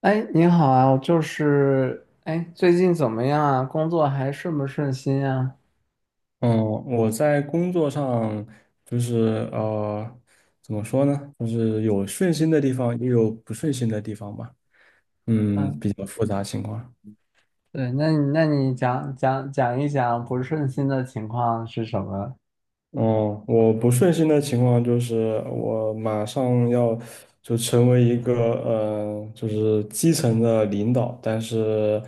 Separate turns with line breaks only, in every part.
哎，你好啊，我就是，哎，最近怎么样啊？工作还顺不顺心啊？
嗯，我在工作上就是怎么说呢？就是有顺心的地方，也有不顺心的地方吧。嗯，
嗯，
比较复杂情况。
对，那你讲一讲不顺心的情况是什么？
哦，我不顺心的情况就是我马上要就成为一个就是基层的领导，但是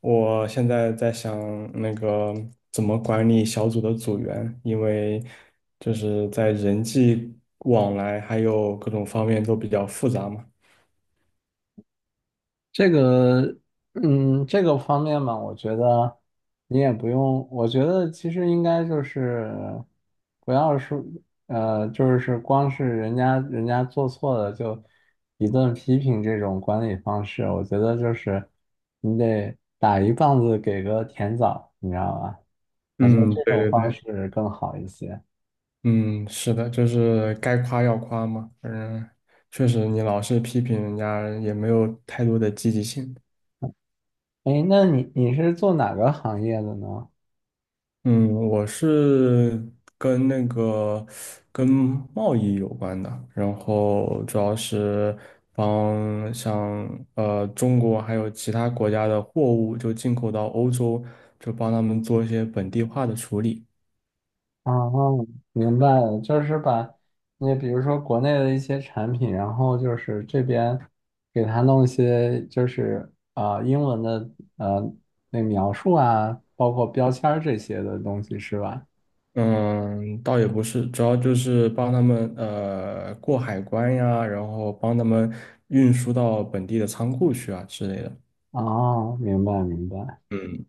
我现在在想那个怎么管理小组的组员，因为就是在人际往来还有各种方面都比较复杂嘛。
这个，这个方面嘛，我觉得你也不用，我觉得其实应该就是不要说，呃，就是光是人家做错了就一顿批评，这种管理方式，我觉得就是你得打一棒子给个甜枣，你知道吧？我觉得
嗯，
这
对
种
对
方
对，
式更好一些。
嗯，是的，就是该夸要夸嘛，嗯，确实你老是批评人家也没有太多的积极性。
哎，那你是做哪个行业的呢？
嗯，我是跟那个跟贸易有关的，然后主要是帮像中国还有其他国家的货物就进口到欧洲，就帮他们做一些本地化的处理。
啊哦，明白了，就是把那比如说国内的一些产品，然后就是这边给它弄一些英文的呃那描述啊，包括标签儿这些的东西是吧？
嗯，倒也不是，主要就是帮他们过海关呀，然后帮他们运输到本地的仓库去啊之类的。
哦，明白明白，
嗯。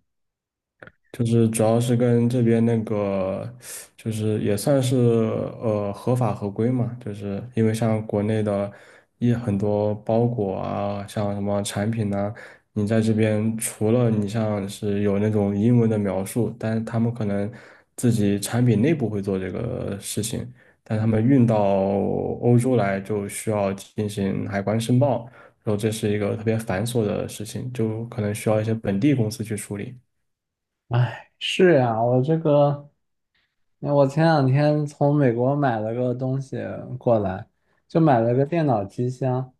就是主要是跟这边那个，就是也算是合法合规嘛，就是因为像国内的很多包裹啊，像什么产品呐、你在这边除了你像是有那种英文的描述，但是他们可能自己产品内部会做这个事情，但他们运到欧洲来就需要进行海关申报，然后这是一个特别繁琐的事情，就可能需要一些本地公司去处理。
是呀，我这个。我前两天从美国买了个东西过来，就买了个电脑机箱，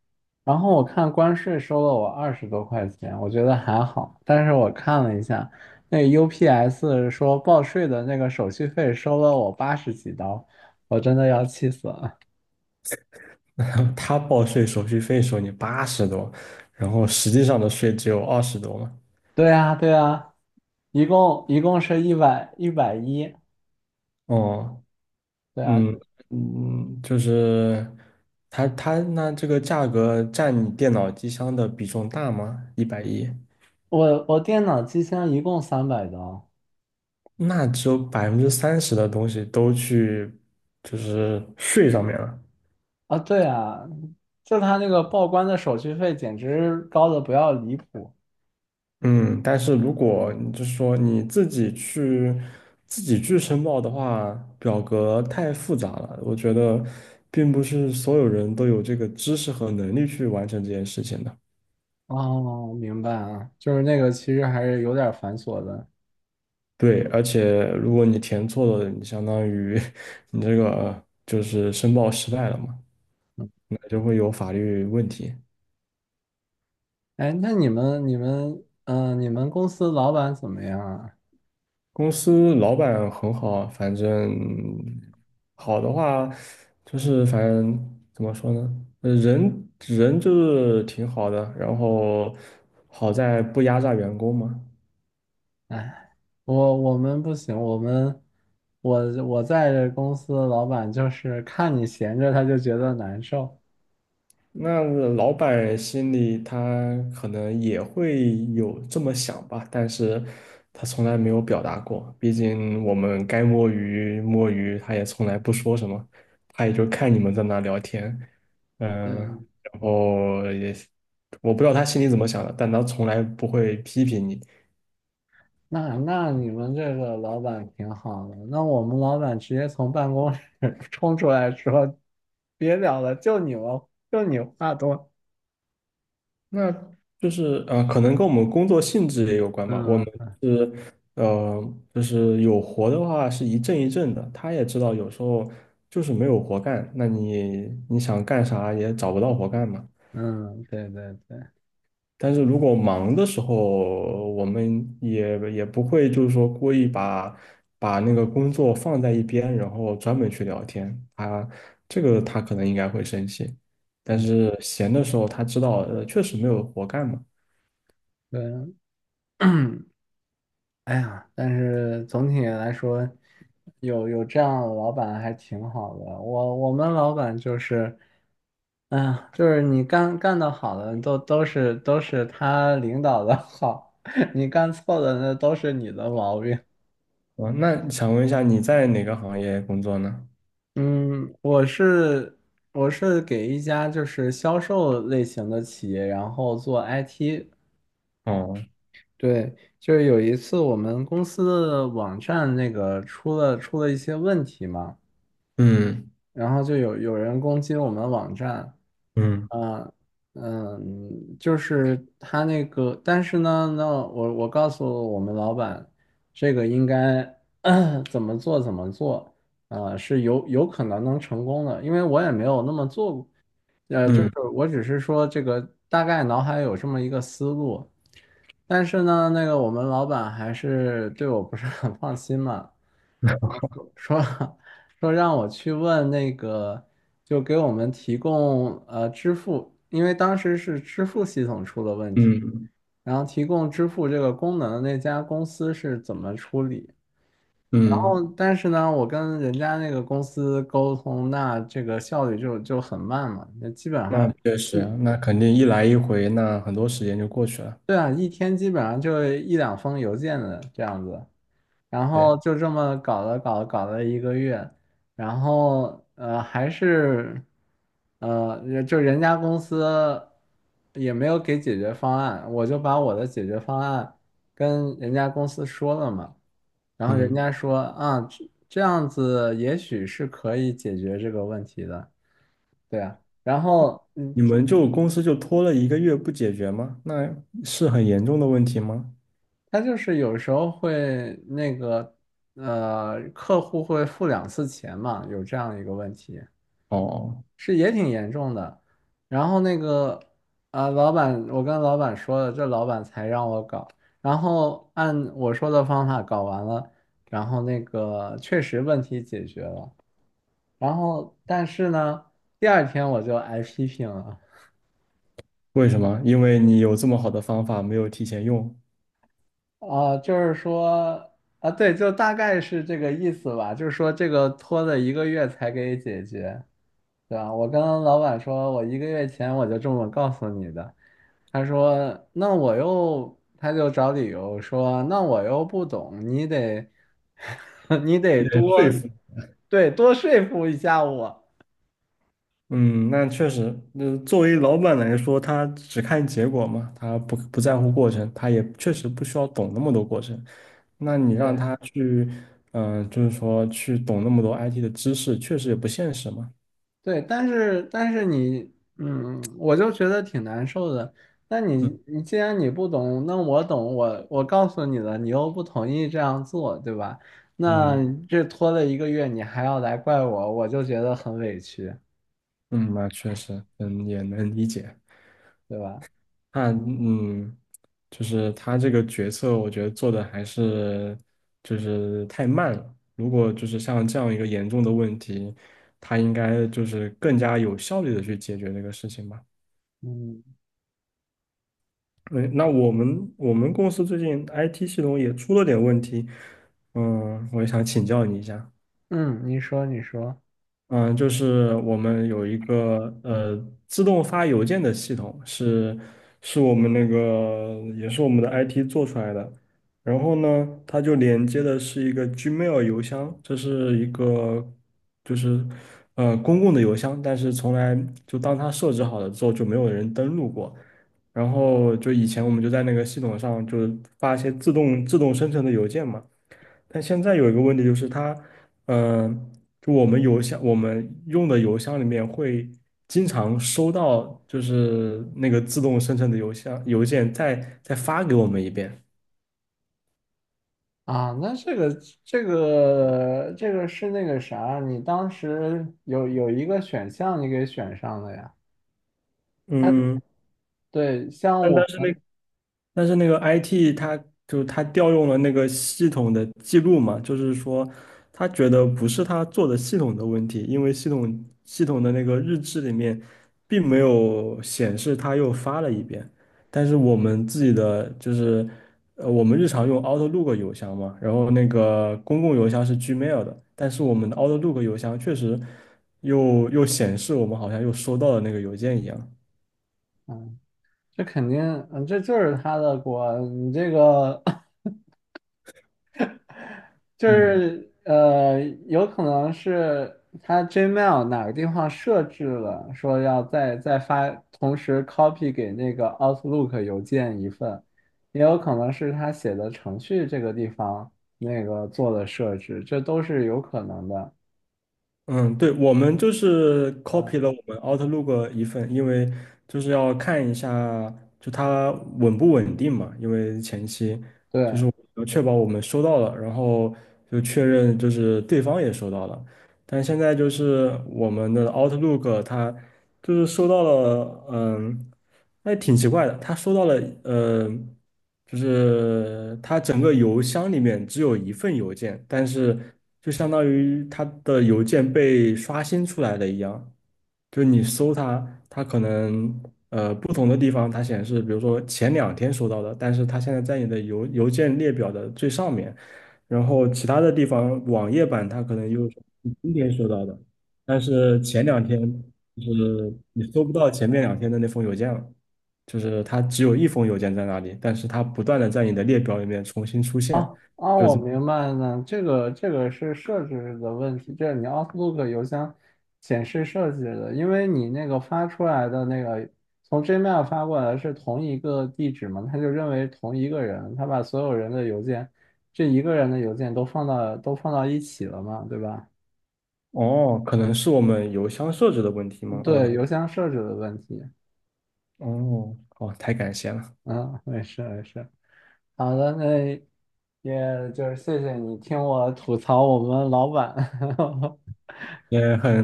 然后我看关税收了我二十多块钱，我觉得还好，但是我看了一下，那 UPS 说报税的那个手续费收了我八十几刀，我真的要气死了。
他报税手续费收你80多，然后实际上的税只有20多嘛。
对呀，对呀，一共是一百一十。
哦，
对啊，
嗯嗯，就是他那这个价格占你电脑机箱的比重大吗？110，
我电脑机箱一共三百刀。
那只有30%的东西都去就是税上面了。
啊，对啊，就他那个报关的手续费简直高的不要离谱。
嗯，但是如果你就是说你自己去申报的话，表格太复杂了，我觉得并不是所有人都有这个知识和能力去完成这件事情的。
哦，明白啊，就是那个其实还是有点繁琐的。
对，而且如果你填错了，你相当于 你这个就是申报失败了嘛，
嗯。
那就会有法律问题。
哎，那你们公司老板怎么样啊？
公司老板很好，反正好的话就是反正怎么说呢，人人就是挺好的，然后好在不压榨员工嘛。
哎，我我们不行，我们我我在这公司老板就是看你闲着他就觉得难受。
那老板心里他可能也会有这么想吧，但是他从来没有表达过。毕竟我们该摸鱼摸鱼，他也从来不说什么，他也就看你们在那聊天，嗯、
对。
然后也我不知道他心里怎么想的，但他从来不会批评你，
那你们这个老板挺好的，那我们老板直接从办公室 冲出来说，别聊了，就你话多。
那就是可能跟我们工作性质也有关吧。我
嗯。
们是呃，就是有活的话是一阵一阵的。他也知道有时候就是没有活干，那你想干啥也找不到活干嘛。
嗯，对对对
但是如果忙的时候，我们也不会就是说故意把那个工作放在一边，然后专门去聊天。他这个他可能应该会生气，但是闲的时候他知道确实没有活干嘛。
对。哎呀，但是总体来说，有这样的老板还挺好的。我们老板就是，哎呀，就是你干的好的都是他领导的好，你干错的那都是你的毛病。
哦，那想问一下你在哪个行业工作呢？
嗯，我是给一家就是销售类型的企业，然后做 IT。
哦，
对，就是有一次我们公司的网站那个出了一些问题嘛，
嗯
然后就有人攻击我们网站。
嗯
嗯。嗯，就是他那个，但是呢，那我告诉我们老板，这个应该 怎么做。呃，是有可能能成功的，因为我也没有那么做过。呃，就是
嗯
我只是说这个大概脑海有这么一个思路，但是呢，那个我们老板还是对我不是很放心嘛，说 说让我去问那个，就给我们提供呃支付，因为当时是支付系统出了问题，
嗯
然后提供支付这个功能的那家公司是怎么处理。然后，
嗯，
但是呢，我跟人家那个公司沟通，那这个效率就很慢嘛，那基本上。
那确实啊，那肯定一来一回，那很多时间就过去了。
对啊，一天基本上就一两封邮件的这样子，然
对，
后就这么搞了一个月，然后还是就人家公司也没有给解决方案，我就把我的解决方案跟人家公司说了嘛，然后人
嗯，
家说啊这样子也许是可以解决这个问题的，对啊，然后嗯，
你们就公司就拖了一个月不解决吗？那是很严重的问题吗？
他就是有时候会那个呃，客户会付两次钱嘛，有这样一个问题，
哦，
是也挺严重的。然后那个啊、老板，我跟老板说了，这老板才让我搞，然后按我说的方法搞完了，然后那个确实问题解决了，然后但是呢，第二天我就挨批评了。
为什么？因为你有这么好的方法没有提前用，
哦，就是说啊，对，就大概是这个意思吧。就是说，这个拖了一个月才给解决，对吧？我跟老板说，我一个月前我就这么告诉你的。他说，那我又，他就找理由说，那我又不懂，你得，你得
被说
多，
服。
对，多说服一下我。
嗯，那确实，作为老板来说，他只看结果嘛，他不在乎过程，他也确实不需要懂那么多过程。那你让
对。
他去，就是说去懂那么多 IT 的知识，确实也不现实嘛。
对，但是但是你，嗯，我就觉得挺难受的。那你
嗯
你既然你不懂，那我懂，我告诉你了，你又不同意这样做，对吧？那
嗯
这拖了一个月，你还要来怪我，我就觉得很委屈，
嗯，那确实，嗯，也能理解。
对吧？
那就是他这个决策，我觉得做的还是就是太慢了。如果就是像这样一个严重的问题，他应该就是更加有效率的去解决这个事情吧。
嗯。
嗯，那我们公司最近 IT 系统也出了点问题，嗯，我也想请教你一下。
嗯，你说
嗯，就是我们有一个自动发邮件的系统，是我们那个也是我们的 IT 做出来的。然后呢，它就连接的是一个 Gmail 邮箱，这是一个就是公共的邮箱，但是从来就当它设置好了之后就没有人登录过。然后就以前我们就在那个系统上就是发一些自动生成的邮件嘛。但现在有一个问题就是它，嗯、就我们邮箱，我们用的邮箱里面会经常收到，就是那个自动生成的邮件再发给我们一遍。
啊，那这个是那个啥，你当时有一个选项你给选上了呀？
嗯，
对，像
但
我
但是那
们。
但是那个 IT 它调用了那个系统的记录嘛，就是说他觉得不是他做的系统的问题，因为系统的那个日志里面并没有显示他又发了一遍，但是我们自己的就是我们日常用 Outlook 邮箱嘛，然后那个公共邮箱是 Gmail 的，但是我们的 Outlook 邮箱确实又显示我们好像又收到了那个邮件一样，
嗯。这肯定，嗯，这就是他的锅。你这个 就
嗯。
是呃，有可能是他 Gmail 哪个地方设置了，说要再发，同时 copy 给那个 Outlook 邮件一份，也有可能是他写的程序这个地方那个做的设置，这都是有可能的。
嗯，对，我们就是 copy
嗯，
了我们 Outlook 的一份，因为就是要看一下就它稳不稳定嘛，因为前期
对。
要确保我们收到了，然后就确认就是对方也收到了，但现在就是我们的 Outlook，它就是收到了，嗯，那挺奇怪的，它收到了，呃，就是它整个邮箱里面只有一份邮件，但是就相当于它的邮件被刷新出来了一样，就是你搜它，它可能不同的地方它显示，比如说前两天收到的，但是它现在在你的邮件列表的最上面。然后其他的地方网页版它可能又是你今天收到的，但是前两天就是你搜不到前面两天的那封邮件了，就是它只有一封邮件在那里，但是它不断的在你的列表里面重新出现，
哦啊，
就
我
是
明白了，这个是设置的问题，这是你 Outlook 邮箱显示设置的，因为你那个发出来的那个从 Gmail 发过来是同一个地址嘛，他就认为同一个人，他把所有人的邮件，这一个人的邮件都放到一起了嘛，对吧？
哦，可能是我们邮箱设置的问题吗？哦，他
对，邮箱设置的问题，
哦，哦，太感谢了，
嗯，没事没事，好的，那也就是谢谢你听我吐槽我们老板。
也很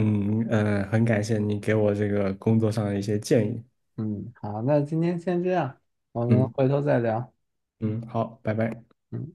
嗯、呃很感谢你给我这个工作上的一些建议，
嗯，好，那今天先这样，我们
嗯
回头再聊。
嗯，好，拜拜。
嗯。